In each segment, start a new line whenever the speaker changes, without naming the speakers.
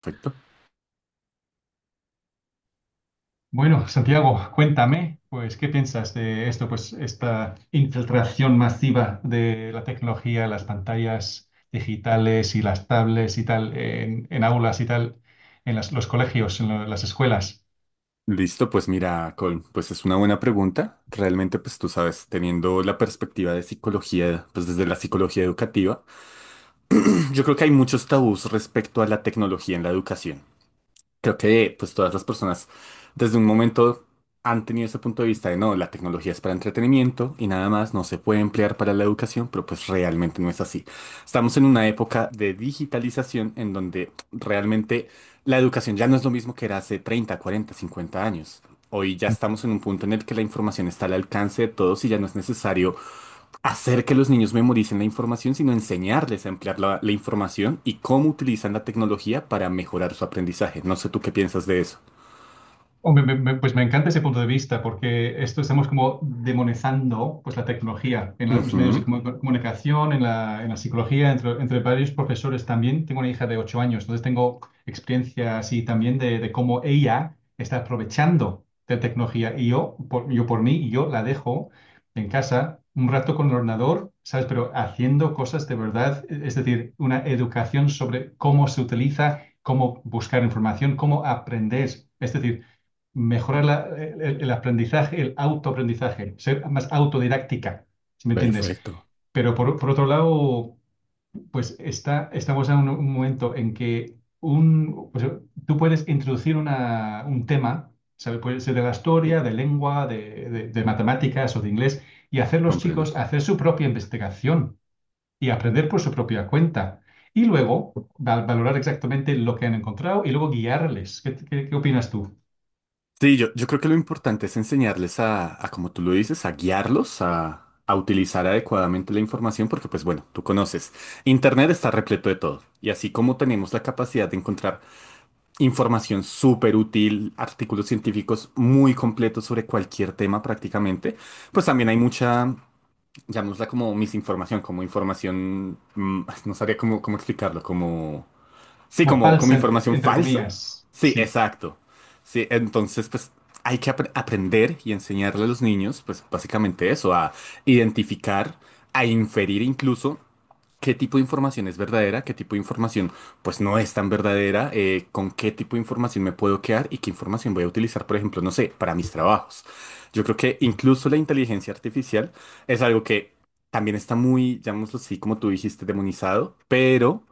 Perfecto.
Bueno, Santiago, cuéntame, pues, ¿qué piensas de esto? Pues, esta infiltración masiva de la tecnología, las pantallas digitales y las tablets y tal, en aulas y tal, los colegios, las escuelas.
Listo, pues mira, Colm, pues es una buena pregunta. Realmente, pues tú sabes, teniendo la perspectiva de psicología, pues desde la psicología educativa, yo creo que hay muchos tabús respecto a la tecnología en la educación. Creo que pues todas las personas desde un momento han tenido ese punto de vista de no, la tecnología es para entretenimiento y nada más, no se puede emplear para la educación, pero pues realmente no es así. Estamos en una época de digitalización en donde realmente la educación ya no es lo mismo que era hace 30 40 50 años. Hoy ya estamos en un punto en el que la información está al alcance de todos y ya no es necesario hacer que los niños memoricen la información, sino enseñarles a emplear la información y cómo utilizan la tecnología para mejorar su aprendizaje. No sé tú qué piensas de eso.
Hombre, pues me encanta ese punto de vista porque esto estamos como demonizando pues la tecnología en los medios
Ujú,
de comunicación, en la psicología, entre varios profesores también. Tengo una hija de 8 años, entonces tengo experiencia así también de cómo ella está aprovechando de tecnología y yo por mí, yo la dejo en casa un rato con el ordenador, ¿sabes? Pero haciendo cosas de verdad, es decir, una educación sobre cómo se utiliza, cómo buscar información, cómo aprender. Es decir, mejorar el aprendizaje, el autoaprendizaje, ser más autodidáctica, si me entiendes.
perfecto,
Pero por otro lado, pues estamos en un momento en que un, pues, tú puedes introducir un tema, ¿sabes? Puede ser de la historia, de lengua, de matemáticas o de inglés, y hacer los
comprendo.
chicos hacer su propia investigación y aprender por su propia cuenta. Y luego valorar exactamente lo que han encontrado y luego guiarles. ¿Qué, qué opinas tú?
Sí, yo creo que lo importante es enseñarles a, como tú lo dices, a guiarlos, a utilizar adecuadamente la información, porque pues bueno, tú conoces, Internet está repleto de todo. Y así como tenemos la capacidad de encontrar información súper útil, artículos científicos muy completos sobre cualquier tema prácticamente. Pues también hay mucha, llamémosla como misinformación, como información, no sabría cómo, cómo explicarlo, como... Sí, como,
Bhopal
como
Center,
información
entre
falsa.
comillas,
Sí,
sí.
exacto. Sí, entonces pues hay que aprender y enseñarle a los niños pues básicamente eso, a identificar, a inferir incluso qué tipo de información es verdadera, qué tipo de información pues no es tan verdadera, con qué tipo de información me puedo quedar y qué información voy a utilizar, por ejemplo, no sé, para mis trabajos. Yo creo que incluso la inteligencia artificial es algo que también está muy, llamémoslo así, como tú dijiste, demonizado, pero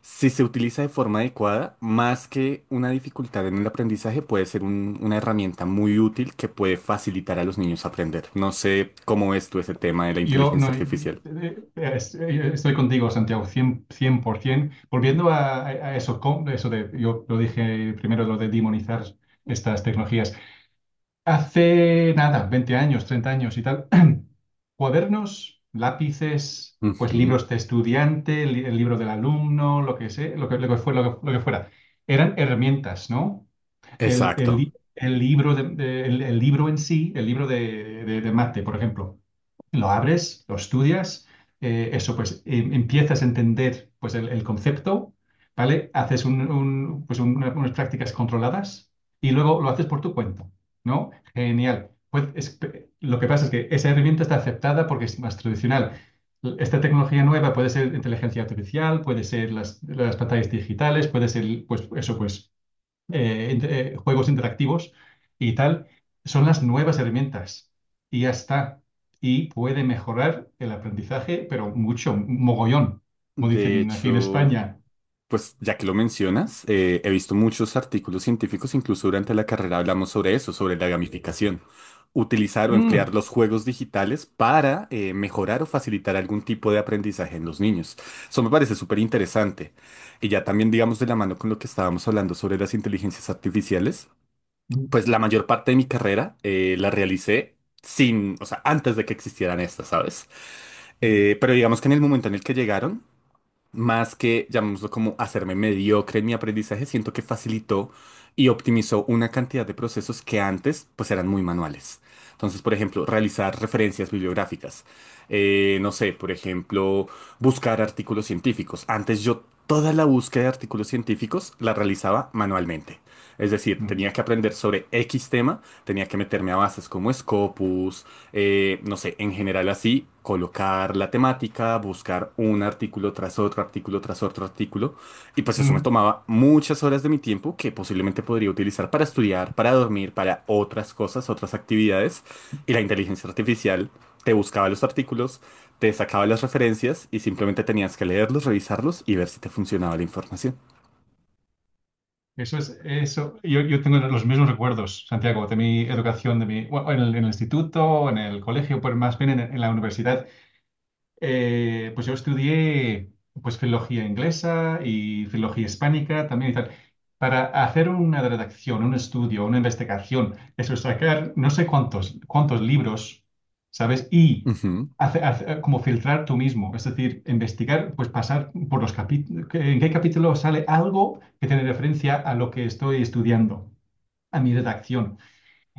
si se utiliza de forma adecuada, más que una dificultad en el aprendizaje, puede ser una herramienta muy útil que puede facilitar a los niños aprender. No sé cómo ves tú ese tema de la
Yo
inteligencia
no,
artificial.
es- Estoy contigo, Santiago, cien por 100%. Volviendo a eso, eso de, yo lo dije primero, lo de demonizar estas tecnologías. Hace nada, 20 años, 30 años y tal, cuadernos, lápices, pues
Ujú,
libros de estudiante, el libro del alumno, lo que sé, lo que fue, lo que fuera, eran herramientas, ¿no?
exacto.
El libro en sí, el libro de Mate, por ejemplo, lo abres, lo estudias, eso pues empiezas a entender pues el concepto, ¿vale? Haces pues, unas prácticas controladas y luego lo haces por tu cuenta, ¿no? Genial. Lo que pasa es que esa herramienta está aceptada porque es más tradicional. Esta tecnología nueva puede ser inteligencia artificial, puede ser las pantallas digitales, puede ser, pues eso, pues juegos interactivos y tal, son las nuevas herramientas. Y ya está. Y puede mejorar el aprendizaje, pero mucho, mogollón, como
De
dicen aquí en
hecho,
España.
pues ya que lo mencionas, he visto muchos artículos científicos, incluso durante la carrera hablamos sobre eso, sobre la gamificación. Utilizar o
Mm,
emplear los juegos digitales para mejorar o facilitar algún tipo de aprendizaje en los niños. Eso me parece súper interesante. Y ya también, digamos, de la mano con lo que estábamos hablando sobre las inteligencias artificiales,
mm,
pues la mayor parte de mi carrera la realicé sin, o sea, antes de que existieran estas, ¿sabes?
mm,
Pero digamos que en el momento en el que llegaron, más que, llamémoslo como hacerme mediocre en mi aprendizaje, siento que facilitó y optimizó una cantidad de procesos que antes pues eran muy manuales. Entonces, por ejemplo, realizar referencias bibliográficas. No sé, por ejemplo, buscar artículos científicos. Antes yo toda la búsqueda de artículos científicos la realizaba manualmente. Es decir,
mm.
tenía que aprender sobre X tema, tenía que meterme a bases como Scopus, no sé, en general así, colocar la temática, buscar un artículo tras otro, artículo tras otro artículo. Y pues eso me
mm.
tomaba muchas horas de mi tiempo que posiblemente podría utilizar para estudiar, para dormir, para otras cosas, otras actividades. Y la inteligencia artificial te buscaba los artículos, te sacaba las referencias y simplemente tenías que leerlos, revisarlos y ver si te funcionaba la información.
Eso es, eso. Yo tengo los mismos recuerdos, Santiago, de mi educación, bueno, en en el instituto, en el colegio, pues más bien en la universidad. Pues yo estudié pues filología inglesa y filología hispánica también y tal. Para hacer una redacción, un estudio, una investigación, eso es sacar no sé cuántos, cuántos libros, ¿sabes? Y
Ujú,
como filtrar tú mismo, es decir, investigar, pues pasar por los capítulos, en qué capítulo sale algo que tiene referencia a lo que estoy estudiando, a mi redacción.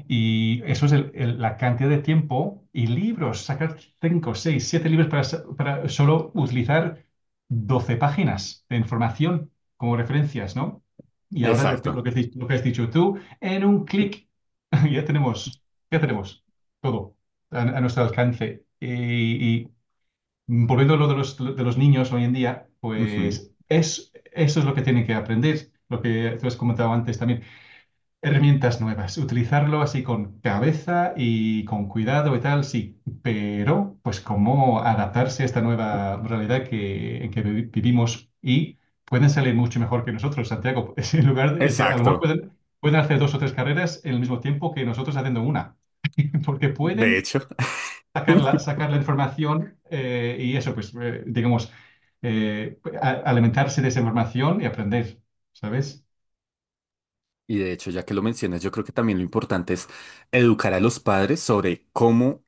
Y eso es la cantidad de tiempo y libros, sacar 5, 6 7 libros para solo utilizar 12 páginas de información como referencias, ¿no? Y ahora
exacto.
lo que has dicho tú, en un clic, ya tenemos, ya tenemos todo a nuestro alcance. Y volviendo a lo de de los niños hoy en día,
Ujú,
pues es, eso es lo que tienen que aprender, lo que tú has comentado antes también. Herramientas nuevas, utilizarlo así con cabeza y con cuidado y tal, sí, pero pues cómo adaptarse a esta nueva realidad que, en que vivimos y pueden salir mucho mejor que nosotros, Santiago. Es, es que a lo mejor
exacto.
pueden, pueden hacer dos o tres carreras en el mismo tiempo que nosotros haciendo una, porque
De
pueden
hecho.
sacar la información y eso, pues digamos, alimentarse de esa información y aprender, ¿sabes?
Y de hecho, ya que lo mencionas, yo creo que también lo importante es educar a los padres sobre cómo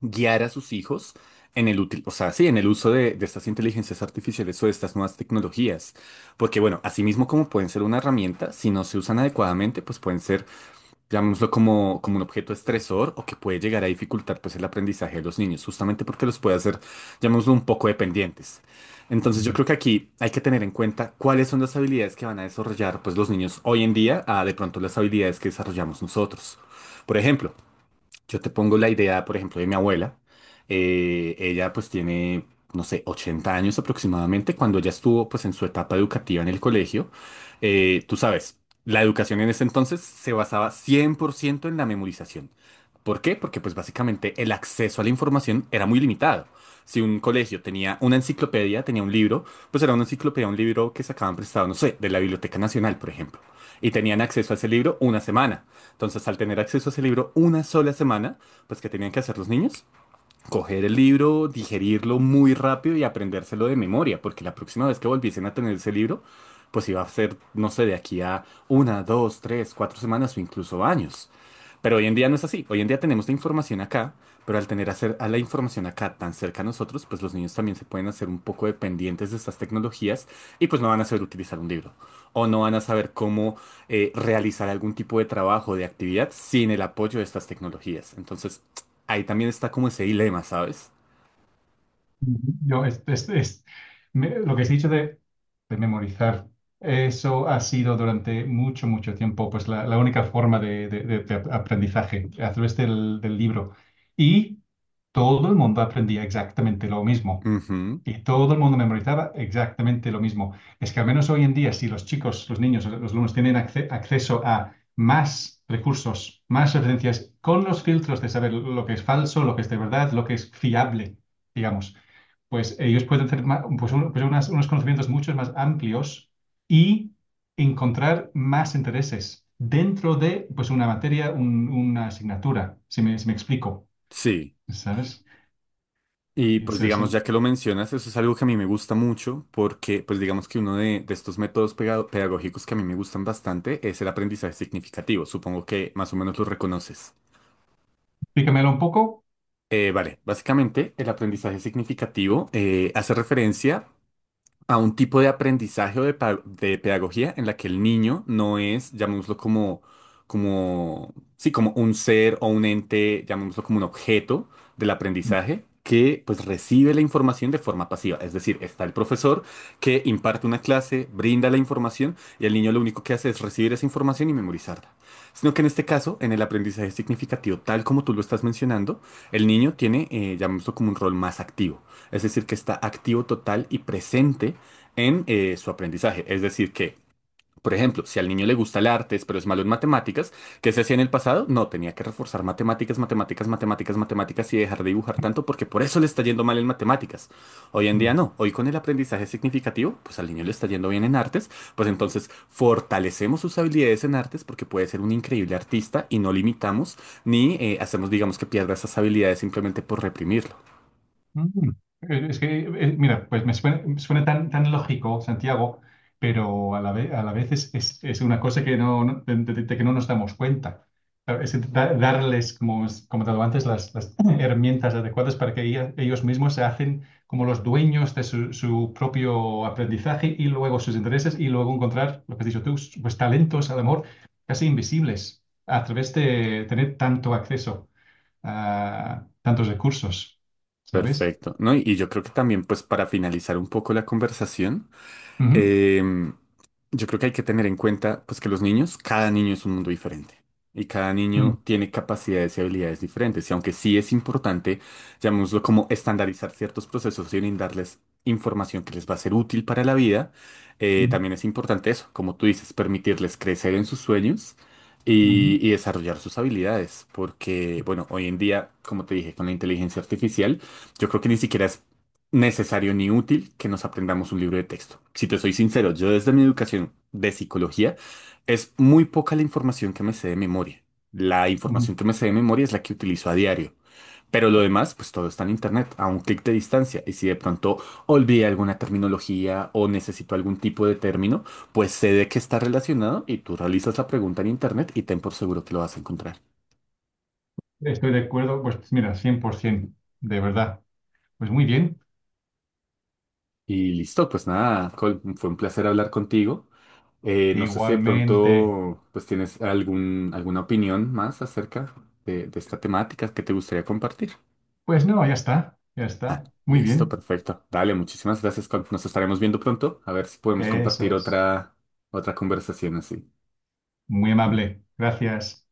guiar a sus hijos en el útil, o sea, sí, en el uso de estas inteligencias artificiales o de estas nuevas tecnologías. Porque bueno, asimismo como pueden ser una herramienta, si no se usan adecuadamente, pues pueden ser llamémoslo como, como un objeto estresor o que puede llegar a dificultar pues el aprendizaje de los niños, justamente porque los puede hacer, llamémoslo un poco dependientes. Entonces yo creo que aquí hay que tener en cuenta cuáles son las habilidades que van a desarrollar pues los niños hoy en día a de pronto las habilidades que desarrollamos nosotros. Por ejemplo, yo te pongo la idea, por ejemplo, de mi abuela. Ella pues tiene, no sé, 80 años aproximadamente. Cuando ella estuvo pues en su etapa educativa en el colegio, tú sabes, la educación en ese entonces se basaba 100% en la memorización. ¿Por qué? Porque pues básicamente el acceso a la información era muy limitado. Si un colegio tenía una enciclopedia, tenía un libro, pues era una enciclopedia, un libro que sacaban prestado, no sé, de la Biblioteca Nacional, por ejemplo. Y tenían acceso a ese libro una semana. Entonces, al tener acceso a ese libro una sola semana, pues ¿qué tenían que hacer los niños? Coger el libro, digerirlo muy rápido y aprendérselo de memoria, porque la próxima vez que volviesen a tener ese libro, pues iba a ser, no sé, de aquí a una, dos, tres, cuatro semanas o incluso años. Pero hoy en día no es así. Hoy en día tenemos la información acá, pero al tener hacer a la información acá tan cerca a nosotros, pues los niños también se pueden hacer un poco dependientes de estas tecnologías y pues no van a saber utilizar un libro o no van a saber cómo realizar algún tipo de trabajo, de actividad sin el apoyo de estas tecnologías. Entonces, ahí también está como ese dilema, ¿sabes?
Yo, es- me- Lo que he dicho de memorizar, eso ha sido durante mucho, mucho tiempo, pues la única forma de aprendizaje a través del libro. Y todo el mundo aprendía exactamente lo mismo.
Ujú,
Y todo el mundo memorizaba exactamente lo mismo. Es que al menos hoy en día, si los chicos, los niños, los alumnos tienen acceso a más recursos, más referencias, con los filtros de saber lo que es falso, lo que es de verdad, lo que es fiable, digamos, pues ellos pueden tener pues, unos conocimientos mucho más amplios y encontrar más intereses dentro de pues, una materia, una asignatura, si me explico,
sí.
¿sabes?
Y pues
Eso,
digamos,
eso.
ya que lo mencionas, eso es algo que a mí me gusta mucho porque pues digamos que uno de estos métodos pedagógicos que a mí me gustan bastante es el aprendizaje significativo. Supongo que más o menos lo reconoces.
Explícamelo un poco.
Vale, básicamente el aprendizaje significativo hace referencia a un tipo de aprendizaje o de, de pedagogía en la que el niño no es, llamémoslo como, como, sí, como un ser o un ente, llamémoslo como un objeto del aprendizaje. Que pues recibe la información de forma pasiva. Es decir, está el profesor que imparte una clase, brinda la información y el niño lo único que hace es recibir esa información y memorizarla. Sino que en este caso, en el aprendizaje significativo, tal como tú lo estás mencionando, el niño tiene, llamémoslo como un rol más activo. Es decir, que está activo total y presente en su aprendizaje. Es decir, que, por ejemplo, si al niño le gusta el artes, pero es malo en matemáticas, ¿qué se hacía en el pasado? No, tenía que reforzar matemáticas, matemáticas, matemáticas, matemáticas y dejar de dibujar tanto porque por eso le está yendo mal en matemáticas. Hoy en día
Mm.
no. Hoy con el aprendizaje significativo, pues al niño le está yendo bien en artes, pues entonces fortalecemos sus habilidades en artes porque puede ser un increíble artista y no limitamos ni hacemos, digamos, que pierda esas habilidades simplemente por reprimirlo.
Mm, es que, mira, pues me suena, suena tan, tan lógico, Santiago, pero a la vez es una cosa que de que no nos damos cuenta. Claro, es intentar darles, como, es- como te digo antes, las herramientas adecuadas para que ellos mismos se hacen como los dueños de su propio aprendizaje y luego sus intereses y luego encontrar, lo que has dicho tú, pues talentos, al amor casi invisibles a través de tener tanto acceso a tantos recursos, ¿sabes?
Perfecto, ¿no? Y yo creo que también, pues para finalizar un poco la conversación,
Ujú,
Em, yo creo que hay que tener en cuenta, pues, que los niños, cada niño es un mundo diferente. Y cada
ujú,
niño tiene capacidades y habilidades diferentes. Y aunque sí es importante, llamémoslo como estandarizar ciertos procesos y brindarles información que les va a ser útil para la vida,
ujú,
también es importante eso, como tú dices, permitirles crecer en sus sueños
ujú,
y desarrollar sus habilidades. Porque, bueno, hoy en día, como te dije, con la inteligencia artificial, yo creo que ni siquiera es necesario ni útil que nos aprendamos un libro de texto. Si te soy sincero, yo desde mi educación de psicología es muy poca la información que me sé de memoria. La
ujú.
información que me sé de memoria es la que utilizo a diario. Pero lo demás, pues todo está en internet, a un clic de distancia. Y si de pronto olvidé alguna terminología o necesito algún tipo de término, pues sé de qué está relacionado y tú realizas la pregunta en internet y ten por seguro que lo vas a encontrar.
Estoy de acuerdo, pues mira, 100%, de verdad. Pues muy bien.
Y listo, pues nada, Col, fue un placer hablar contigo. No sé si de
Igualmente,
pronto pues tienes algún, alguna opinión más acerca de esta temática que te gustaría compartir.
pues no, ya está, ya
Ah,
está. Muy
listo,
bien.
perfecto. Dale, muchísimas gracias. Col. Nos estaremos viendo pronto. A ver si podemos
Eso
compartir
es.
otra, otra conversación así.
Muy amable. Gracias.